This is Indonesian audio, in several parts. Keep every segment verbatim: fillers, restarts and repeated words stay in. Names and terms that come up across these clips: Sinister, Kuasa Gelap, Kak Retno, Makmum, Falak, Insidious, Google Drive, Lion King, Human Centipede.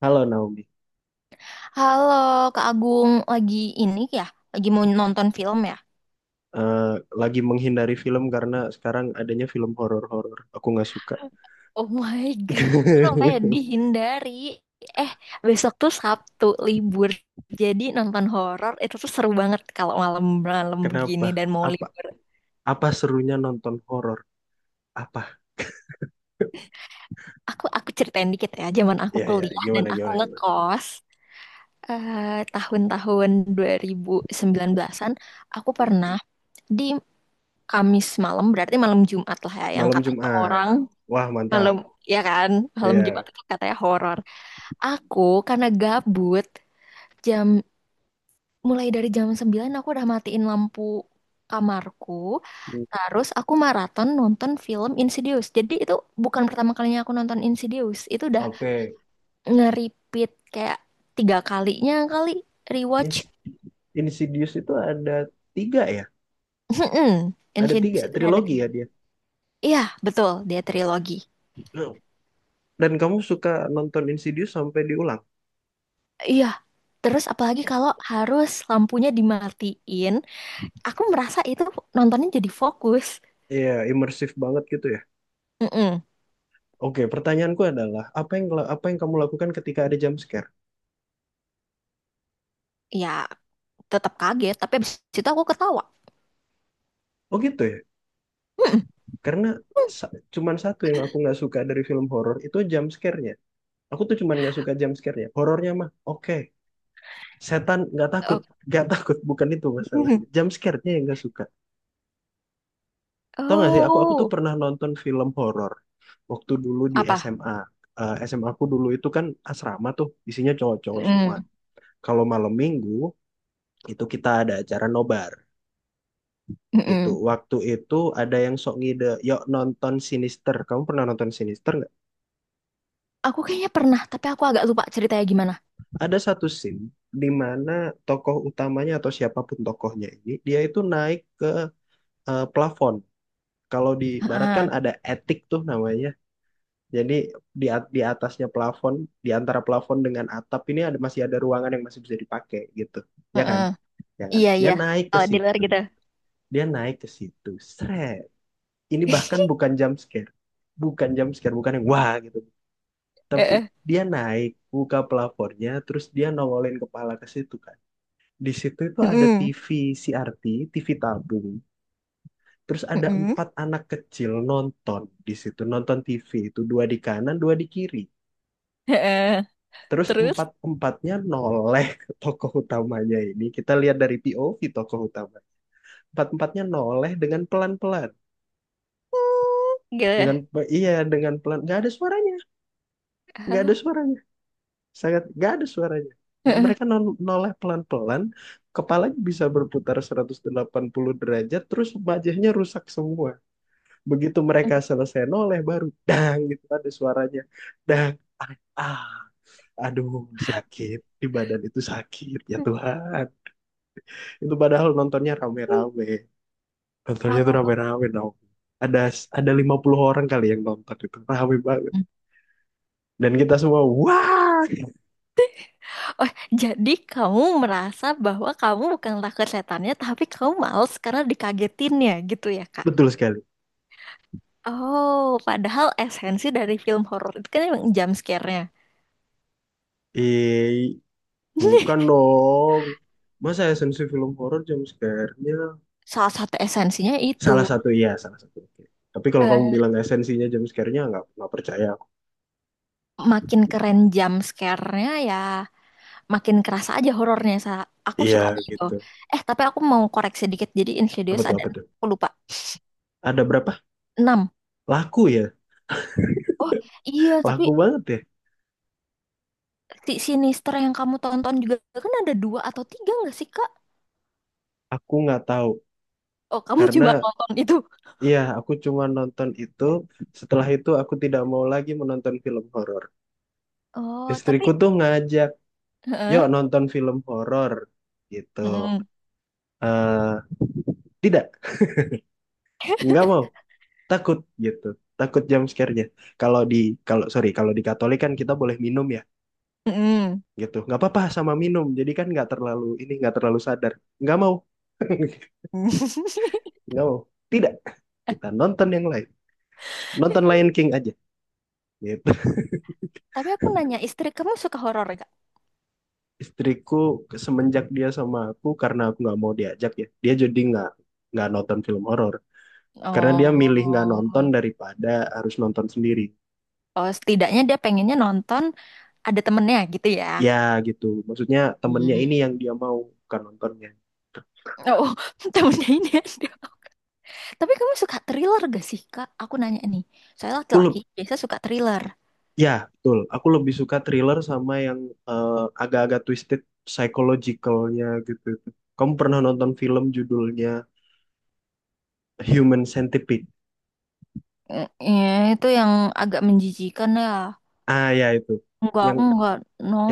Halo Naomi, Halo, Kak Agung, lagi ini ya? Lagi mau nonton film ya? Eh, lagi menghindari film karena sekarang adanya film horor-horor. Aku nggak suka. Oh my God, sampai dihindari. Eh, Besok tuh Sabtu libur. Jadi nonton horor itu tuh seru banget kalau malam-malam Kenapa? begini dan mau Apa libur. apa serunya nonton horor? Apa? Aku aku ceritain dikit ya, zaman aku Ya ya, kuliah dan gimana aku gimana gimana. ngekos, eh, tahun-tahun dua ribu sembilan belasan-an, aku pernah di Kamis malam, berarti malam Jumat lah ya, yang Malam katanya Jumat. orang Wah, mantap. malam, ya kan? Malam Jumat Iya. itu katanya horor. Aku karena gabut, jam mulai dari jam sembilan aku udah matiin lampu kamarku. Hmm. Terus aku maraton nonton film Insidious. Jadi itu bukan pertama kalinya aku nonton Insidious. Itu udah Oke. nge-repeat kayak tiga kalinya kali rewatch. Ins- Insidious itu ada tiga ya? Ada tiga Insidious itu udah ada trilogi tiga. ya dia. Iya, betul. Dia trilogi. Dan kamu suka nonton Insidious sampai diulang? Iya. Terus apalagi kalau harus lampunya dimatiin, aku merasa itu nontonnya jadi fokus. Iya, imersif banget gitu ya? Mm-mm. Oke, pertanyaanku adalah apa yang apa yang kamu lakukan ketika ada jump scare? Ya, tetap kaget, tapi abis itu aku ketawa. Oh gitu ya. Mm-mm. Karena sa- cuman satu yang aku nggak suka dari film horor itu jump scare-nya. Aku tuh cuman nggak suka jump scare-nya. Horornya mah oke. Setan nggak takut, Oh. nggak takut bukan itu masalahnya. Jump scare-nya yang nggak suka. Tau nggak sih? Aku aku tuh Oh. pernah nonton film horor waktu dulu di Apa? S M A. Eh, S M A aku dulu itu kan asrama tuh isinya cowok-cowok semua. Mm-mm. Kalau malam minggu itu kita ada acara nobar gitu. Mm-mm. Waktu itu ada yang sok ngide, yuk nonton Sinister. Kamu pernah nonton Sinister nggak? Aku kayaknya pernah, tapi aku agak lupa ceritanya gimana. Ada satu scene di mana tokoh utamanya atau siapapun tokohnya ini, dia itu naik ke eh, plafon. Kalau di barat kan Heeh. ada attic tuh namanya. Jadi di at- di atasnya plafon, di antara plafon dengan atap ini ada masih ada ruangan yang masih bisa dipakai gitu. Ya kan? Heeh. Ya kan? Iya, Dia iya. naik ke Kalau di luar situ. gitu. Dia naik ke situ. Seret. Ini bahkan bukan jump scare bukan jump scare bukan yang wah gitu, tapi Heeh. dia naik buka pelapornya terus dia nongolin kepala ke situ kan. Di situ itu ada Mm-mm. T V C R T, T V tabung. Terus ada Mm-mm. empat anak kecil nonton di situ, nonton T V itu, dua di kanan dua di kiri. Heeh. Terus Terus? empat empatnya noleh ke tokoh utamanya ini, kita lihat dari P O V tokoh utama. Empat empatnya noleh dengan pelan pelan, Mm. Gitu. dengan, iya dengan pelan, nggak ada suaranya, nggak ada Heeh. suaranya, sangat nggak ada suaranya. Dan Heeh. mereka nol- noleh pelan-pelan, kepalanya bisa berputar seratus delapan puluh derajat terus wajahnya rusak semua. Begitu mereka selesai noleh baru dang gitu ada suaranya, dang, ah, ah, aduh, sakit di badan itu, sakit ya Tuhan. Itu padahal nontonnya rame-rame, nontonnya tuh Oh. rame-rame dong. Ada ada lima puluh orang kali yang nonton itu, rame banget, dan kita semua wah. Oh, jadi kamu merasa bahwa kamu bukanlah setannya, tapi kamu males karena dikagetinnya gitu ya, Kak? Betul sekali Oh, padahal esensi dari film horor itu kan emang jump scare-nya. i. Bukan dong. Masa esensi film horor jumpscare-nya? Salah satu esensinya itu. Salah satu, iya salah satu. Oke. Tapi kalau kamu Eh, bilang esensinya jumpscare-nya, nggak nggak percaya aku. Makin keren jump scare-nya ya, makin kerasa aja horornya. Sa- Aku Iya suka itu. gitu. Eh, tapi aku mau koreksi dikit. Jadi Apa Insidious tuh, ada, apa enam. tuh? Aku lupa, Ada berapa? enam. Laku ya? Oh, iya, Laku tapi banget ya? si Sinister yang kamu tonton juga kan ada dua atau tiga nggak sih, Kak? Aku nggak tahu. Oh, kamu Karena cuma nonton itu. iya aku cuma nonton itu. Setelah itu aku tidak mau lagi menonton film horor. Oh, Istriku tapi tuh ngajak, yuk heeh. nonton film horor. Gitu. Mm-mm. eh Tidak, nggak mau. Takut gitu, takut jam scare-nya. kalau di Kalau, sorry, kalau di Katolik kan kita boleh minum ya, Mm-mm. gitu nggak apa-apa, sama minum jadi kan nggak terlalu ini, nggak terlalu sadar. Nggak mau. Nggak mau, tidak, kita nonton yang lain, nonton Lion King aja, gitu. Tapi aku nanya, istri kamu suka horor gak? Istriku, semenjak dia sama aku, karena aku nggak mau diajak ya, dia jadi nggak nggak nonton film horor, karena dia milih nggak nonton Oh. daripada harus nonton sendiri. Oh, setidaknya dia pengennya nonton ada temennya gitu ya. Ya gitu, maksudnya temennya Hmm. ini yang dia mau, bukan nontonnya. Oh. Temennya ini ada. Tapi kamu suka thriller gak sih, Kak? Aku nanya nih. Saya Aku, laki-laki biasa suka thriller. ya betul. Aku lebih suka thriller sama yang eh, agak-agak twisted psychological-nya gitu. Kamu pernah nonton film judulnya Human Centipede? Eh, Ya, itu yang agak menjijikan ya. Ah, ya itu. Enggak, Yang aku enggak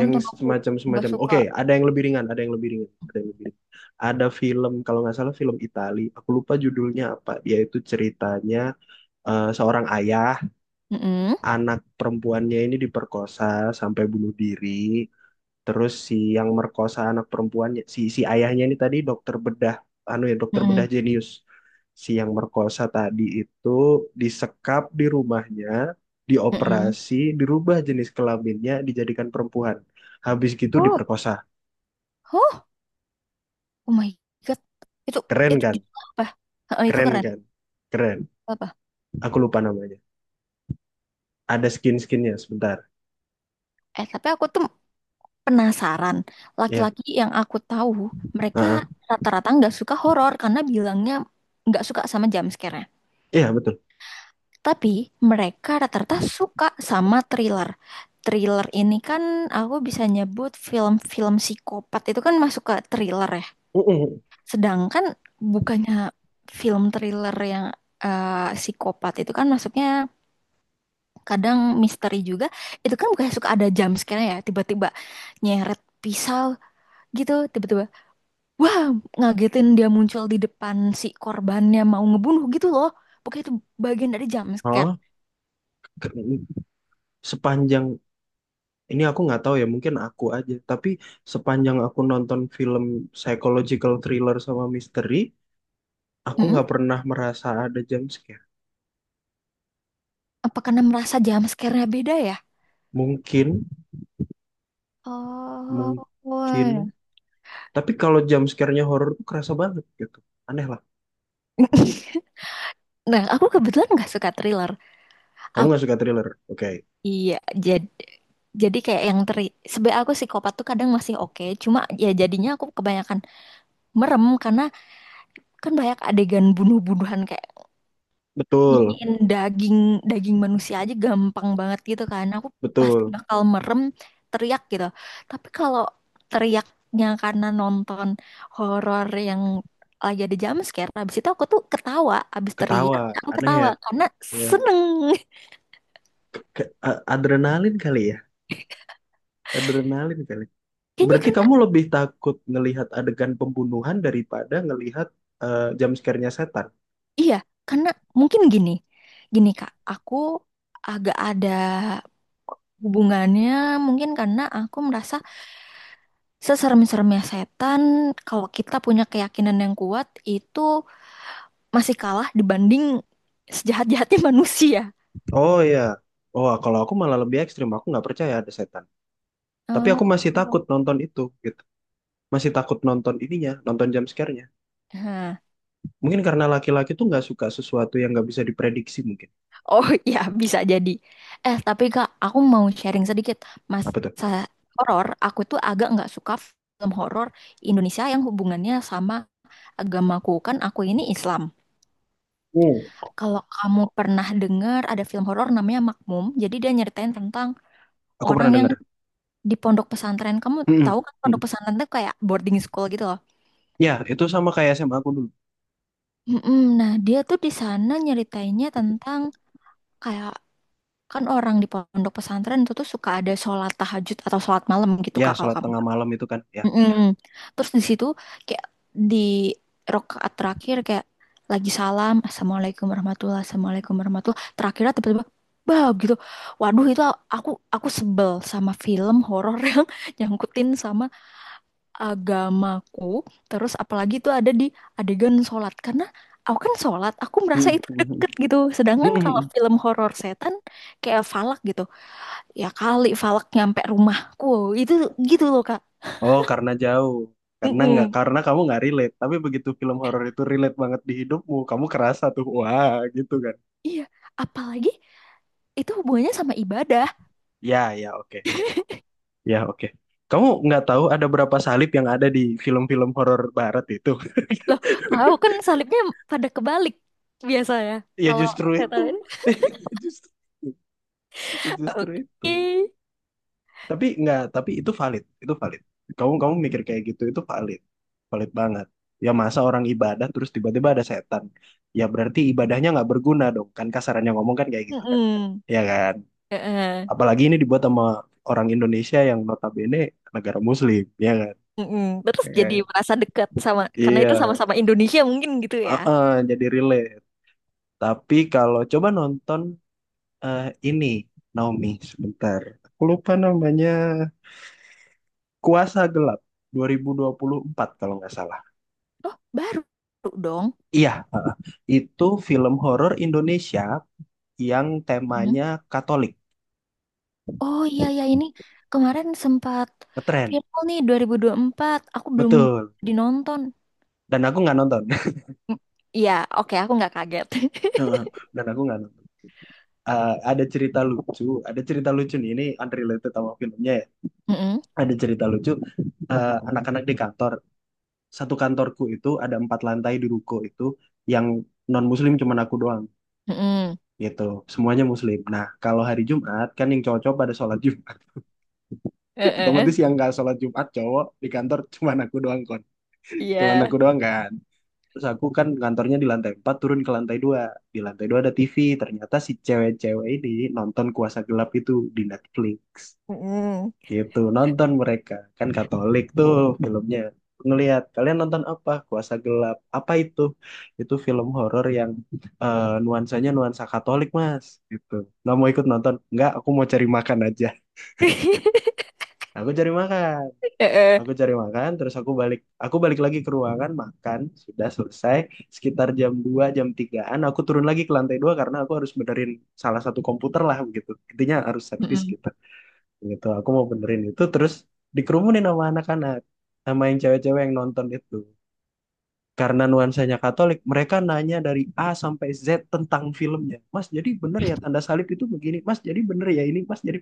yang aku enggak semacam-semacam. suka. Oke, ada yang lebih ringan, ada yang lebih ringan, ada yang lebih ringan. Ada film kalau nggak salah film Itali. Aku lupa judulnya apa. Dia itu ceritanya eh, seorang ayah, Mm-mm. anak perempuannya ini diperkosa sampai bunuh diri. Terus si yang merkosa anak perempuannya, si si ayahnya ini tadi dokter bedah, anu ya dokter bedah Mm-mm. jenius. Si yang merkosa tadi itu disekap di rumahnya, Mm-mm. dioperasi, dirubah jenis kelaminnya, dijadikan perempuan. Habis gitu Oh. diperkosa. Oh, oh my God. Itu Keren itu kan? judul apa? Heeh, itu Keren keren. kan? Keren. Apa? Aku lupa namanya. Ada skin-skinnya sebentar. Eh, tapi aku tuh penasaran. Ya, Laki-laki yang aku tahu, mereka heeh. rata-rata nggak suka horor karena bilangnya nggak suka sama jump scare-nya. Iya betul. Tapi mereka rata-rata suka sama thriller. Thriller ini kan aku bisa nyebut film-film psikopat itu kan masuk ke thriller ya. Mm-mm. Sedangkan bukannya film thriller yang eh, psikopat itu kan masuknya kadang misteri juga, itu kan bukan suka ada jump scare ya, tiba-tiba nyeret pisau gitu, tiba-tiba, wah, ngagetin, dia muncul di depan si korbannya mau ngebunuh gitu loh, pokoknya itu bagian dari jump scare. Hah? Sepanjang Ini aku nggak tahu ya, mungkin aku aja. Tapi sepanjang aku nonton film psychological thriller sama misteri, aku Mm-mm. nggak pernah merasa ada jump scare. Apa karena merasa jump scare-nya beda ya? Mungkin, Oh, wah. mungkin. Tapi kalau jump scare-nya horor tuh kerasa banget gitu. Aneh lah. Nah, aku kebetulan nggak suka thriller. Kamu Aku, nggak suka thriller? Oke. iya. Jadi jadi kayak yang teri sebenarnya aku psikopat tuh kadang masih oke, cuma ya jadinya aku kebanyakan merem karena kan banyak adegan bunuh-bunuhan kayak Betul, nyisiin daging, daging manusia aja gampang banget gitu kan, aku pasti betul. bakal merem, teriak gitu. Tapi kalau teriaknya karena nonton horor yang lagi ada jumpscare, habis itu aku tuh ketawa. Habis Ketawa. teriak aku Aneh ya. ketawa karena Ya. seneng. Ke- a- adrenalin kali ya. Adrenalin kali. Kayaknya Berarti karena kamu lebih takut ngelihat adegan pembunuhan daripada ngelihat eh, jump scare-nya setan. iya, karena mungkin gini, gini kak, aku agak ada hubungannya, mungkin karena aku merasa seserem-seremnya setan, kalau kita punya keyakinan yang kuat, itu masih kalah dibanding sejahat-jahatnya manusia. Oh iya. Oh, kalau aku malah lebih ekstrim. Aku nggak percaya ada setan. Tapi aku masih takut Oh. nonton itu, gitu. Masih takut nonton ininya, nonton jump scare-nya. Nah, Mungkin karena laki-laki tuh nggak suka sesuatu yang nggak bisa diprediksi mungkin. oh ya bisa jadi. Eh, tapi Kak, aku mau sharing sedikit. Apa tuh? Masa horor, aku tuh agak nggak suka film horor Indonesia yang hubungannya sama agamaku. Kan aku ini Islam. Hmm. Kalau kamu pernah dengar ada film horor namanya Makmum, jadi dia nyeritain tentang Aku orang pernah yang denger. di pondok pesantren, kamu Mm-mm. tahu kan pondok Mm-mm. pesantren tuh kayak boarding school gitu loh. Ya, itu sama kayak S M A aku dulu. Mm-mm. Nah, dia tuh di sana nyeritainnya tentang kayak, kan orang di pondok pesantren itu tuh suka ada sholat tahajud atau sholat malam gitu Ya, kak, kalau sholat kamu. tengah malam itu kan. Ya. Mm-mm. Terus di situ kayak di rokaat terakhir, kayak lagi salam assalamualaikum warahmatullah, assalamualaikum warahmatullah terakhirnya tiba-tiba bah gitu, waduh, itu aku aku sebel sama film horor yang nyangkutin sama agamaku. Terus apalagi itu ada di adegan sholat, karena aku kan sholat, aku merasa itu Mm-mm. deket gitu. Sedangkan kalau Mm-mm. film horor setan kayak Falak gitu, ya kali Falak nyampe rumahku, itu gitu loh kak. Oh, karena jauh. Karena nggak, Mm-mm. karena kamu nggak relate. Tapi begitu film horor itu relate banget di hidupmu, kamu kerasa tuh, wah, gitu kan. Iya, apalagi itu hubungannya sama ibadah. Ya, ya, oke, oke. Ya, oke. Kamu nggak tahu ada berapa salib yang ada di film-film horor barat itu? Aku kan salibnya pada kebalik biasanya, Ya kalau justru itu. setan, Justru, justru oke. itu. Tapi nggak, tapi itu valid, itu valid. Kamu kamu mikir kayak gitu itu valid. Valid banget. Ya masa orang ibadah terus tiba-tiba ada setan. Ya berarti ibadahnya nggak berguna dong. Kan kasarannya ngomong kan kayak gitu kan. Mm-mm. Ya kan? Eh, eh. Apalagi ini dibuat sama orang Indonesia yang notabene negara muslim, ya kan? Mm-mm. Terus Eh, jadi merasa dekat sama karena itu iya. sama-sama Indonesia mungkin gitu ya. Heeh, jadi relate. Tapi kalau coba nonton, eh, ini, Naomi sebentar. Aku lupa namanya, Kuasa Gelap dua ribu dua puluh empat kalau nggak salah. Oh, baru dong. Iya, heeh. Itu film horor Indonesia yang Mm. temanya Katolik. Oh iya ya, ini kemarin sempat Ngetren. viral nih, dua dua ribu dua puluh empat. Aku belum Betul. dinonton. Dan aku nggak nonton. Mm. Iya, oke aku nggak kaget. Dan aku nggak nonton. Eh, ada cerita lucu, ada cerita lucu nih, ini unrelated sama filmnya ya. Mm-mm, Ada cerita lucu, eh, anak-anak di kantor, satu kantorku itu ada empat lantai di ruko itu, yang non muslim cuman aku doang, mm-mm. gitu, semuanya muslim. Nah kalau hari Jumat kan yang cowok-cowok pada sholat Jumat, otomatis Eh-eh. yang nggak sholat Jumat cowok di kantor cuman aku doang kon, cuman Iya. aku doang kan. Terus aku kan kantornya di lantai empat, turun ke lantai dua. Di lantai dua ada T V. Ternyata si cewek-cewek ini nonton Kuasa Gelap itu di Netflix, Mm-mm. gitu, nonton. Mereka kan Katolik tuh filmnya. Ngelihat kalian nonton apa? Kuasa Gelap. Apa itu? Itu film horor yang eh, nuansanya nuansa Katolik, mas, gitu. Nggak mau ikut nonton? Nggak, aku mau cari makan aja. Aku cari makan, Eh-eh, aku cari makan terus aku balik, aku balik lagi ke ruangan makan, sudah selesai, sekitar jam dua jam tigaan. Aku turun lagi ke lantai dua karena aku harus benerin salah satu komputer lah, begitu intinya harus servis, mm-mm. gitu. Gitu aku mau benerin itu, terus dikerumunin sama anak-anak, sama yang cewek-cewek yang nonton itu. Karena nuansanya Katolik, mereka nanya dari A sampai Z tentang filmnya. Mas, jadi bener ya tanda salib itu begini? Mas, jadi bener ya ini? Mas, jadi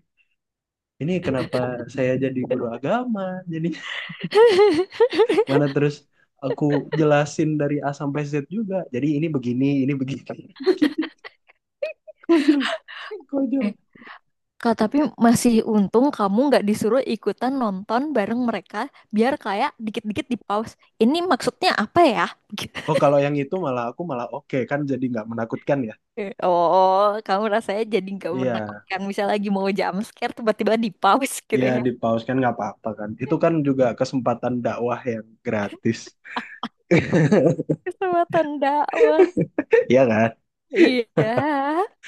ini kenapa? Saya jadi guru agama, jadi, mana, terus aku jelasin dari A sampai Z juga, jadi ini begini, ini begini, begini. Konyol. Konyol. Eh, Kak, tapi masih untung kamu nggak disuruh ikutan nonton bareng mereka, biar kayak dikit-dikit di pause. Ini maksudnya apa ya? Oh, kalau yang itu malah, aku malah oke, kan jadi nggak menakutkan ya. Eh, Oh, kamu rasanya jadi nggak Iya. menakutkan. Misal lagi mau jump scare, tiba-tiba di pause gitu Iya ya. di pause kan nggak apa-apa kan. Itu kan juga kesempatan dakwah yang gratis. Kesempatan dakwah. Iya kan? Iya.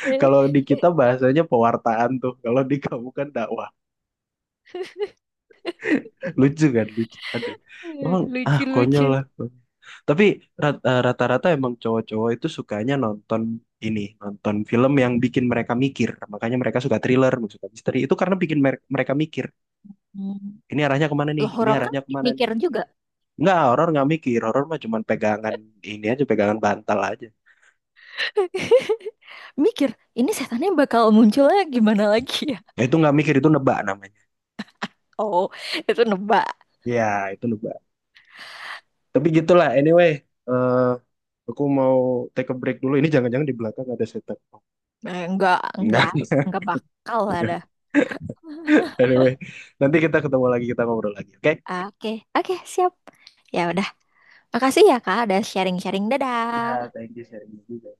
Eh, Kalau di kita bahasanya pewartaan tuh. Kalau di kamu kan dakwah. Lucu kan? Lucu. Aduh. Emang ah konyol Lucu-lucu. lah. Tapi rat- eh, rata-rata emang cowok-cowok itu sukanya nonton ini, nonton film yang bikin mereka mikir. Makanya mereka suka thriller, suka misteri. Itu karena bikin mer- mereka mikir. Hmm. Ini arahnya kemana nih? Loh, Ini horor kan arahnya kemana mikir nih? juga. Enggak, horor nggak mikir. Horor mah cuman pegangan ini aja, pegangan bantal aja. Mikir, ini setannya bakal munculnya gimana lagi ya? Ya, itu nggak mikir, itu nebak namanya. Oh, itu nebak. Ya itu nebak. Tapi gitulah, anyway, eh aku mau take a break dulu, ini jangan-jangan di belakang ada setup. Nah, enggak, Enggak. enggak, enggak bakal ada. Anyway, nanti kita ketemu lagi, kita ngobrol lagi, oke. Oke, oke, siap. Ya udah. Makasih ya, Kak, udah sharing-sharing. Ya, Dadah. thank you, sharing juga.